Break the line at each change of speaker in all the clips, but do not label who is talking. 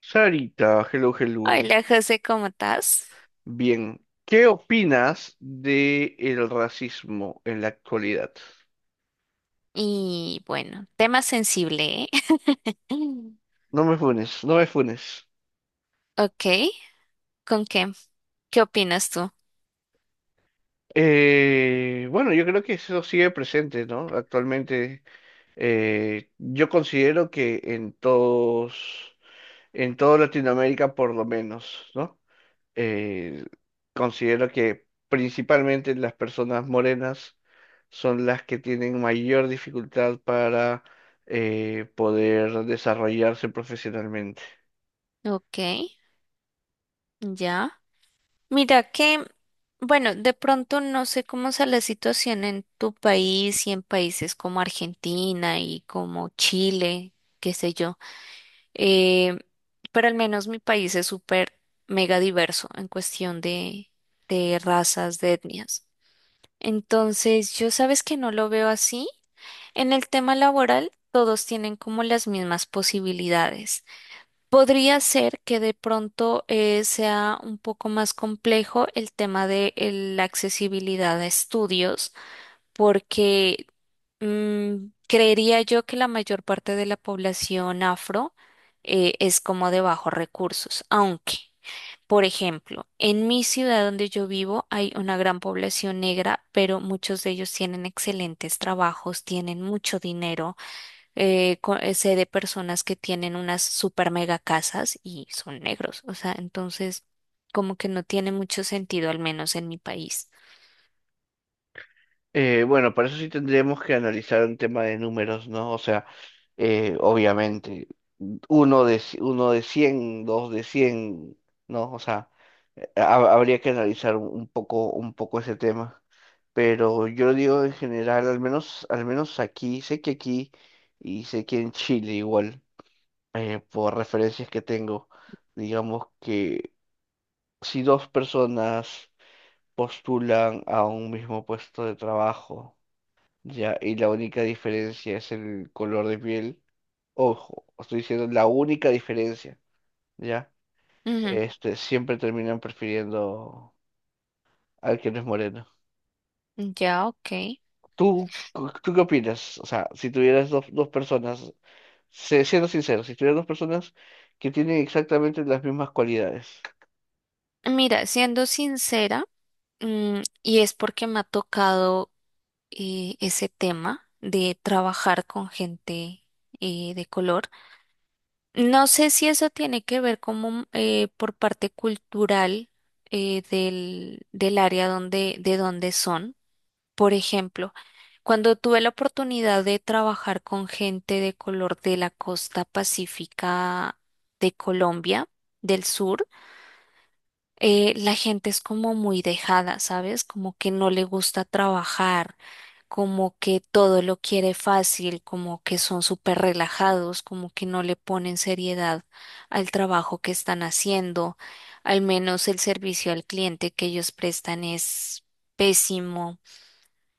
Sarita, hello, hello.
Hola José, ¿cómo estás?
Bien, ¿qué opinas de el racismo en la actualidad?
Y bueno, tema sensible, ¿eh?
No me funes, no me funes.
Ok, ¿con qué? ¿Qué opinas tú?
Bueno, yo creo que eso sigue presente, ¿no? Actualmente, yo considero que en toda Latinoamérica por lo menos, ¿no? eh, considero que principalmente las personas morenas son las que tienen mayor dificultad para poder desarrollarse profesionalmente.
Ok, ya. Mira que, bueno, de pronto no sé cómo sea la situación en tu país y en países como Argentina y como Chile, qué sé yo. Eh, pero al menos mi país es súper mega diverso en cuestión de razas, de etnias. Entonces, yo sabes que no lo veo así. En el tema laboral, todos tienen como las mismas posibilidades. Podría ser que de pronto sea un poco más complejo el tema de la accesibilidad a estudios porque creería yo que la mayor parte de la población afro es como de bajos recursos, aunque, por ejemplo, en mi ciudad donde yo vivo hay una gran población negra, pero muchos de ellos tienen excelentes trabajos, tienen mucho dinero. Sé de personas que tienen unas super mega casas y son negros, o sea, entonces como que no tiene mucho sentido, al menos en mi país.
Bueno, para eso sí tendríamos que analizar un tema de números, ¿no? O sea, obviamente, uno de 100, dos de 100, ¿no? O sea, habría que analizar un poco, un poco ese tema. Pero yo digo en general, al menos aquí, sé que aquí y sé que en Chile igual, por referencias que tengo, digamos que si dos personas postulan a un mismo puesto de trabajo, ya, y la única diferencia es el color de piel. Ojo, estoy diciendo la única diferencia, ¿ya?
Ujú.
Este, siempre terminan prefiriendo al que no es moreno.
Ya, ok.
¿Tú qué opinas? O sea, si tuvieras dos personas, siendo sincero, si tuvieras dos personas que tienen exactamente las mismas cualidades.
Mira, siendo sincera, y es porque me ha tocado ese tema de trabajar con gente de color, no sé si eso tiene que ver como por parte cultural del área donde, de donde son. Por ejemplo, cuando tuve la oportunidad de trabajar con gente de color de la costa pacífica de Colombia, del sur, la gente es como muy dejada, ¿sabes? Como que no le gusta trabajar, como que todo lo quiere fácil, como que son súper relajados, como que no le ponen seriedad al trabajo que están haciendo. Al menos el servicio al cliente que ellos prestan es pésimo.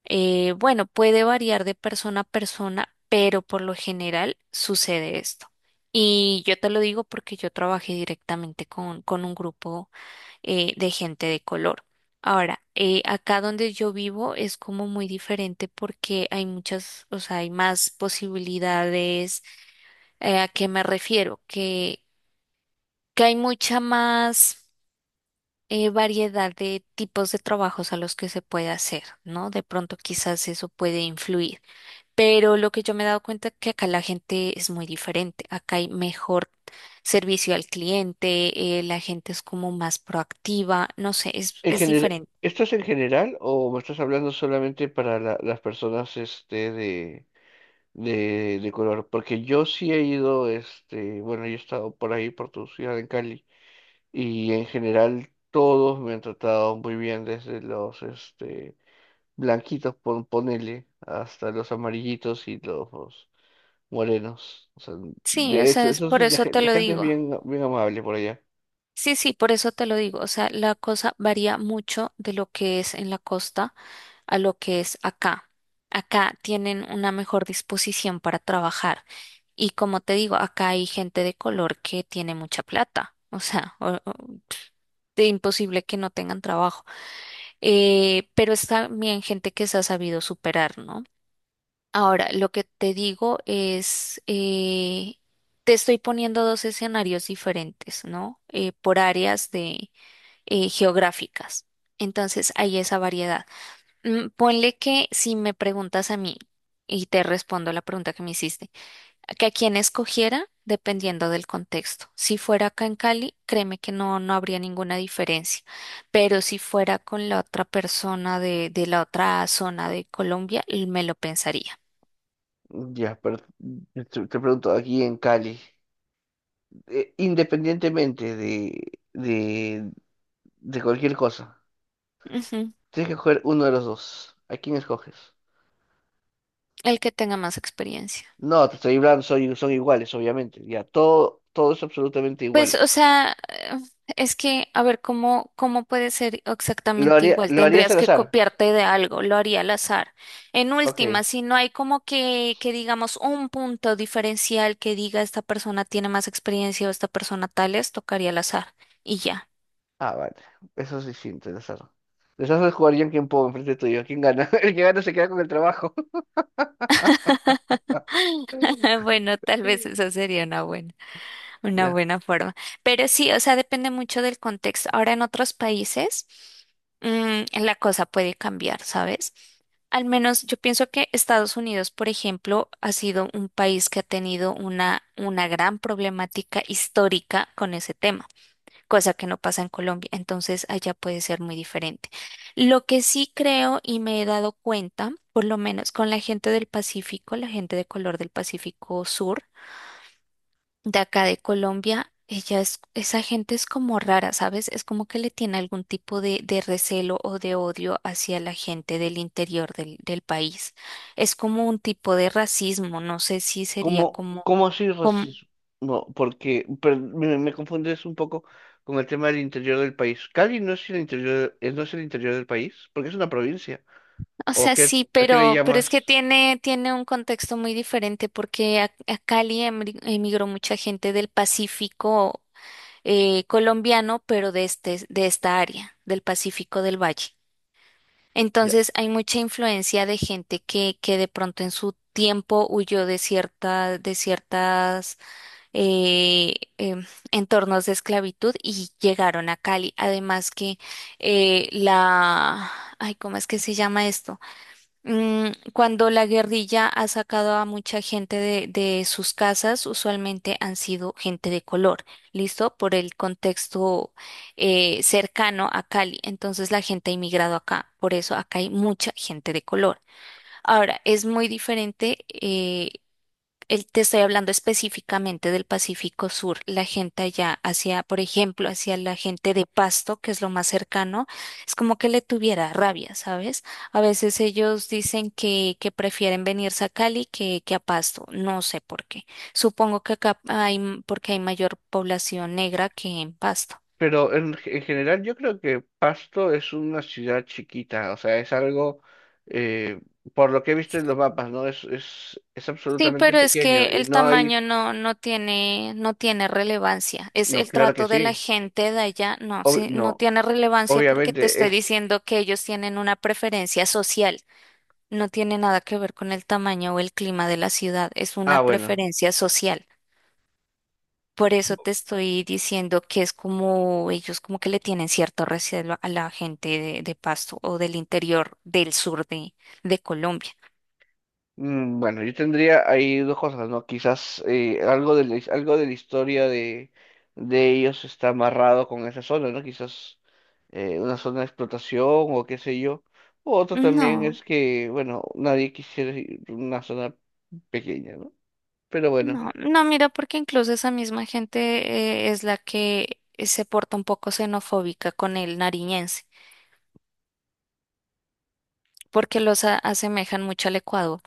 Bueno, puede variar de persona a persona, pero por lo general sucede esto. Y yo te lo digo porque yo trabajé directamente con un grupo de gente de color. Ahora, acá donde yo vivo es como muy diferente porque hay muchas, o sea, hay más posibilidades. ¿A qué me refiero? Que hay mucha más variedad de tipos de trabajos a los que se puede hacer, ¿no? De pronto quizás eso puede influir. Pero lo que yo me he dado cuenta es que acá la gente es muy diferente. Acá hay mejor servicio al cliente, la gente es como más proactiva, no sé,
En
es
general,
diferente.
¿esto es en general o me estás hablando solamente para las personas, este, de color, porque yo sí he ido, este, bueno, yo he estado por ahí, por tu ciudad en Cali, y en general todos me han tratado muy bien, desde los, este, blanquitos, ponele, hasta los amarillitos y los morenos. O sea,
Sí, o
de
sea,
hecho,
es
eso
por
sí,
eso te
la
lo
gente es
digo.
bien, bien amable por allá.
Sí, sí, por eso te lo digo. O sea, la cosa varía mucho de lo que es en la costa a lo que es acá. Acá tienen una mejor disposición para trabajar. Y como te digo, acá hay gente de color que tiene mucha plata. O sea, de imposible que no tengan trabajo. Pero es también gente que se ha sabido superar, ¿no? Ahora, lo que te digo es, te estoy poniendo dos escenarios diferentes, ¿no? Por áreas de geográficas. Entonces, hay esa variedad. Ponle que si me preguntas a mí, y te respondo la pregunta que me hiciste, que a quién escogiera dependiendo del contexto. Si fuera acá en Cali, créeme que no, no habría ninguna diferencia. Pero si fuera con la otra persona de la otra zona de Colombia, me lo pensaría.
Ya, pero te pregunto, aquí en Cali, independientemente de cualquier cosa.
Ujú.
Tienes que escoger uno de los dos. ¿A quién escoges?
El que tenga más experiencia.
No, te estoy hablando, son iguales, obviamente. Ya, todo, todo es absolutamente
Pues,
igual.
o sea, es que, a ver, ¿cómo puede ser
¿Lo
exactamente
haría,
igual?
lo harías
Tendrías
al
que
azar?
copiarte de algo, lo haría al azar. En última,
Ok.
si no hay como que digamos un punto diferencial que diga esta persona tiene más experiencia o esta persona tales, tocaría al azar. Y ya.
Ah, vale. Eso es distinto, el azar. Les haces jugar yo en quien puedo enfrente tuyo. ¿Quién gana? El que gana se queda con el trabajo.
Bueno, tal vez esa sería una buena. Una
Ya.
buena forma. Pero sí, o sea, depende mucho del contexto. Ahora en otros países, la cosa puede cambiar, ¿sabes? Al menos yo pienso que Estados Unidos, por ejemplo, ha sido un país que ha tenido una gran problemática histórica con ese tema, cosa que no pasa en Colombia. Entonces, allá puede ser muy diferente. Lo que sí creo y me he dado cuenta, por lo menos con la gente del Pacífico, la gente de color del Pacífico Sur, de acá de Colombia, esa gente es como rara, ¿sabes? Es como que le tiene algún tipo de recelo o de odio hacia la gente del interior del país. Es como un tipo de racismo, no sé si sería
¿Cómo, cómo así
como,
racismo? No, porque pero me confundes un poco con el tema del interior del país. ¿Cali no es el interior del país? Porque es una provincia.
o sea, sí,
A qué le
pero es que
llamas?
tiene, tiene un contexto muy diferente porque a Cali emigró mucha gente del Pacífico colombiano, pero de este, de esta área, del Pacífico del Valle. Entonces hay mucha influencia de gente que de pronto en su tiempo huyó de cierta, de ciertas eh, em, entornos de esclavitud y llegaron a Cali. Además que eh, la, ay, ¿cómo es que se llama esto? Mm, cuando la guerrilla ha sacado a mucha gente de sus casas, usualmente han sido gente de color, ¿listo? Por el contexto cercano a Cali. Entonces la gente ha inmigrado acá, por eso acá hay mucha gente de color. Ahora, es muy diferente te estoy hablando específicamente del Pacífico Sur, la gente allá hacia, por ejemplo, hacia la gente de Pasto, que es lo más cercano, es como que le tuviera rabia, ¿sabes? A veces ellos dicen que prefieren venirse a Cali que a Pasto, no sé por qué. Supongo que acá hay, porque hay mayor población negra que en Pasto.
Pero en general yo creo que Pasto es una ciudad chiquita, o sea, es algo, eh, por lo que he visto en los mapas, ¿no? Es
Sí,
absolutamente
pero es que
pequeño y
el
no
tamaño
hay,
no tiene, no tiene relevancia. Es
no,
el
claro que
trato de la
sí,
gente de allá, no, sí, no
no,
tiene relevancia porque te
obviamente
estoy
es,
diciendo que ellos tienen una preferencia social. No tiene nada que ver con el tamaño o el clima de la ciudad, es una
ah, bueno.
preferencia social. Por eso te estoy diciendo que es como ellos como que le tienen cierto recelo a la gente de Pasto o del interior del sur de Colombia.
Mm, bueno, yo tendría ahí dos cosas, ¿no? Quizás algo de algo de la historia de ellos está amarrado con esa zona, ¿no? Quizás una zona de explotación o qué sé yo. O otro también
No.
es que, bueno, nadie quisiera ir a una zona pequeña, ¿no? Pero bueno.
No, no, mira, porque incluso esa misma gente es la que se porta un poco xenofóbica con el nariñense, porque los asemejan mucho al Ecuador,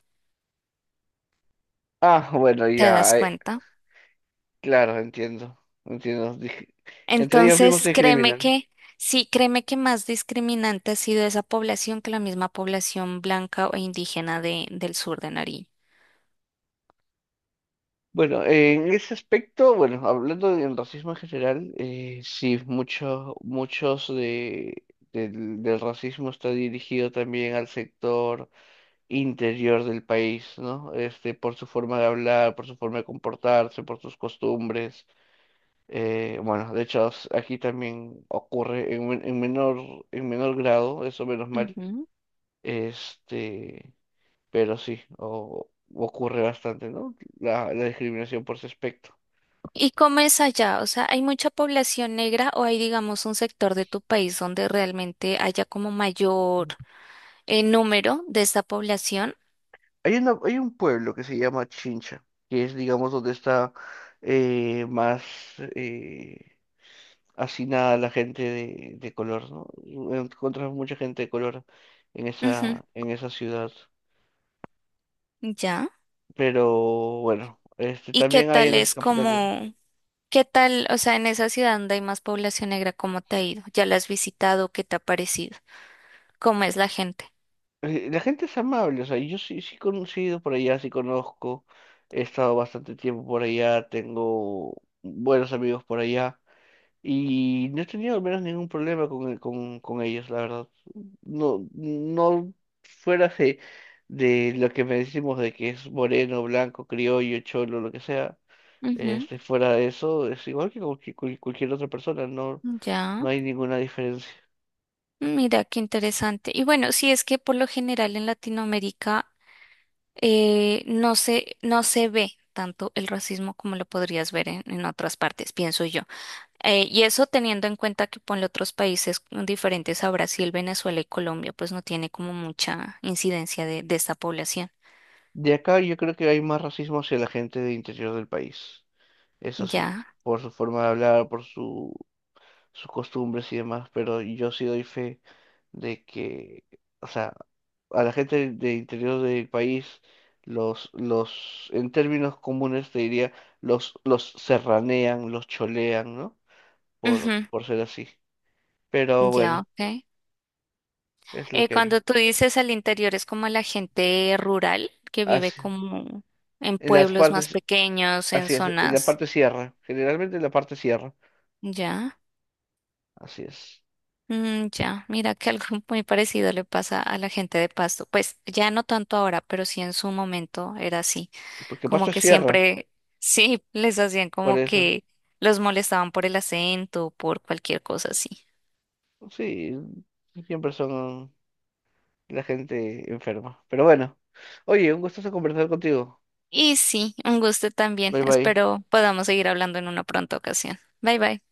Ah, bueno,
¿te das
ya,
cuenta?
claro, entiendo, entiendo. Entre ellos mismos
Entonces,
se
créeme
discriminan.
que, sí, créeme que más discriminante ha sido esa población que la misma población blanca o indígena del sur de Nariño.
Bueno, en ese aspecto, bueno, hablando del racismo en general, sí, muchos, muchos del racismo está dirigido también al sector interior del país, ¿no? Este, por su forma de hablar, por su forma de comportarse, por sus costumbres. Bueno, de hecho, aquí también ocurre en menor grado, eso menos mal,
Ujú.
este, pero sí, ocurre bastante, ¿no? La discriminación por ese aspecto.
¿Y cómo es allá? O sea, ¿hay mucha población negra o hay, digamos, un sector de tu país donde realmente haya como mayor número de esta población?
Hay un pueblo que se llama Chincha, que es, digamos, donde está más eh, hacinada la gente de color, ¿no? Encuentras mucha gente de color
Ujú.
en esa ciudad.
Ya.
Pero bueno, este
¿Y qué
también hay en
tal
las
es
capitales.
qué tal, o sea, en esa ciudad donde hay más población negra, cómo te ha ido? ¿Ya la has visitado? ¿Qué te ha parecido? ¿Cómo es la gente?
La gente es amable, o sea, yo sí, sí he conocido por allá, sí conozco, he estado bastante tiempo por allá, tengo buenos amigos por allá. Y no he tenido al menos ningún problema con ellos, la verdad. No, no fuera de, lo que me decimos de que es moreno, blanco, criollo, cholo, lo que sea.
Ujú.
Este, fuera de eso, es igual que con cualquier otra persona, no,
Ya,
no hay ninguna diferencia.
mira qué interesante. Y bueno, sí es que por lo general en Latinoamérica no se ve tanto el racismo como lo podrías ver en otras partes, pienso yo. Y eso teniendo en cuenta que ponle otros países diferentes a Brasil, Venezuela y Colombia, pues no tiene como mucha incidencia de esta población.
De acá yo creo que hay más racismo hacia la gente del interior del país, eso sí,
Ya.
por su forma de hablar, sus costumbres y demás, pero yo sí doy fe de que, o sea, a la gente del interior del país, en términos comunes te diría, los serranean, los cholean, ¿no? Por,
Ujú.
por ser así. Pero
Ya,
bueno,
ok.
es lo que hay.
Cuando tú dices al interior es como la gente rural que vive
Así,
como en
en las
pueblos más
partes,
pequeños, en
así es, en la
zonas.
parte sierra, generalmente en la parte sierra,
Ya,
así es.
mm, ya. Mira que algo muy parecido le pasa a la gente de Pasto. Pues ya no tanto ahora, pero sí en su momento era así.
Porque Pasto
Como
es
que
sierra,
siempre, sí, les hacían
por
como
eso.
que los molestaban por el acento, por cualquier cosa así.
Sí, siempre son la gente enferma. Pero bueno, oye, un gustazo conversar contigo.
Y sí, un gusto también.
Bye bye.
Espero podamos seguir hablando en una pronta ocasión. Bye bye.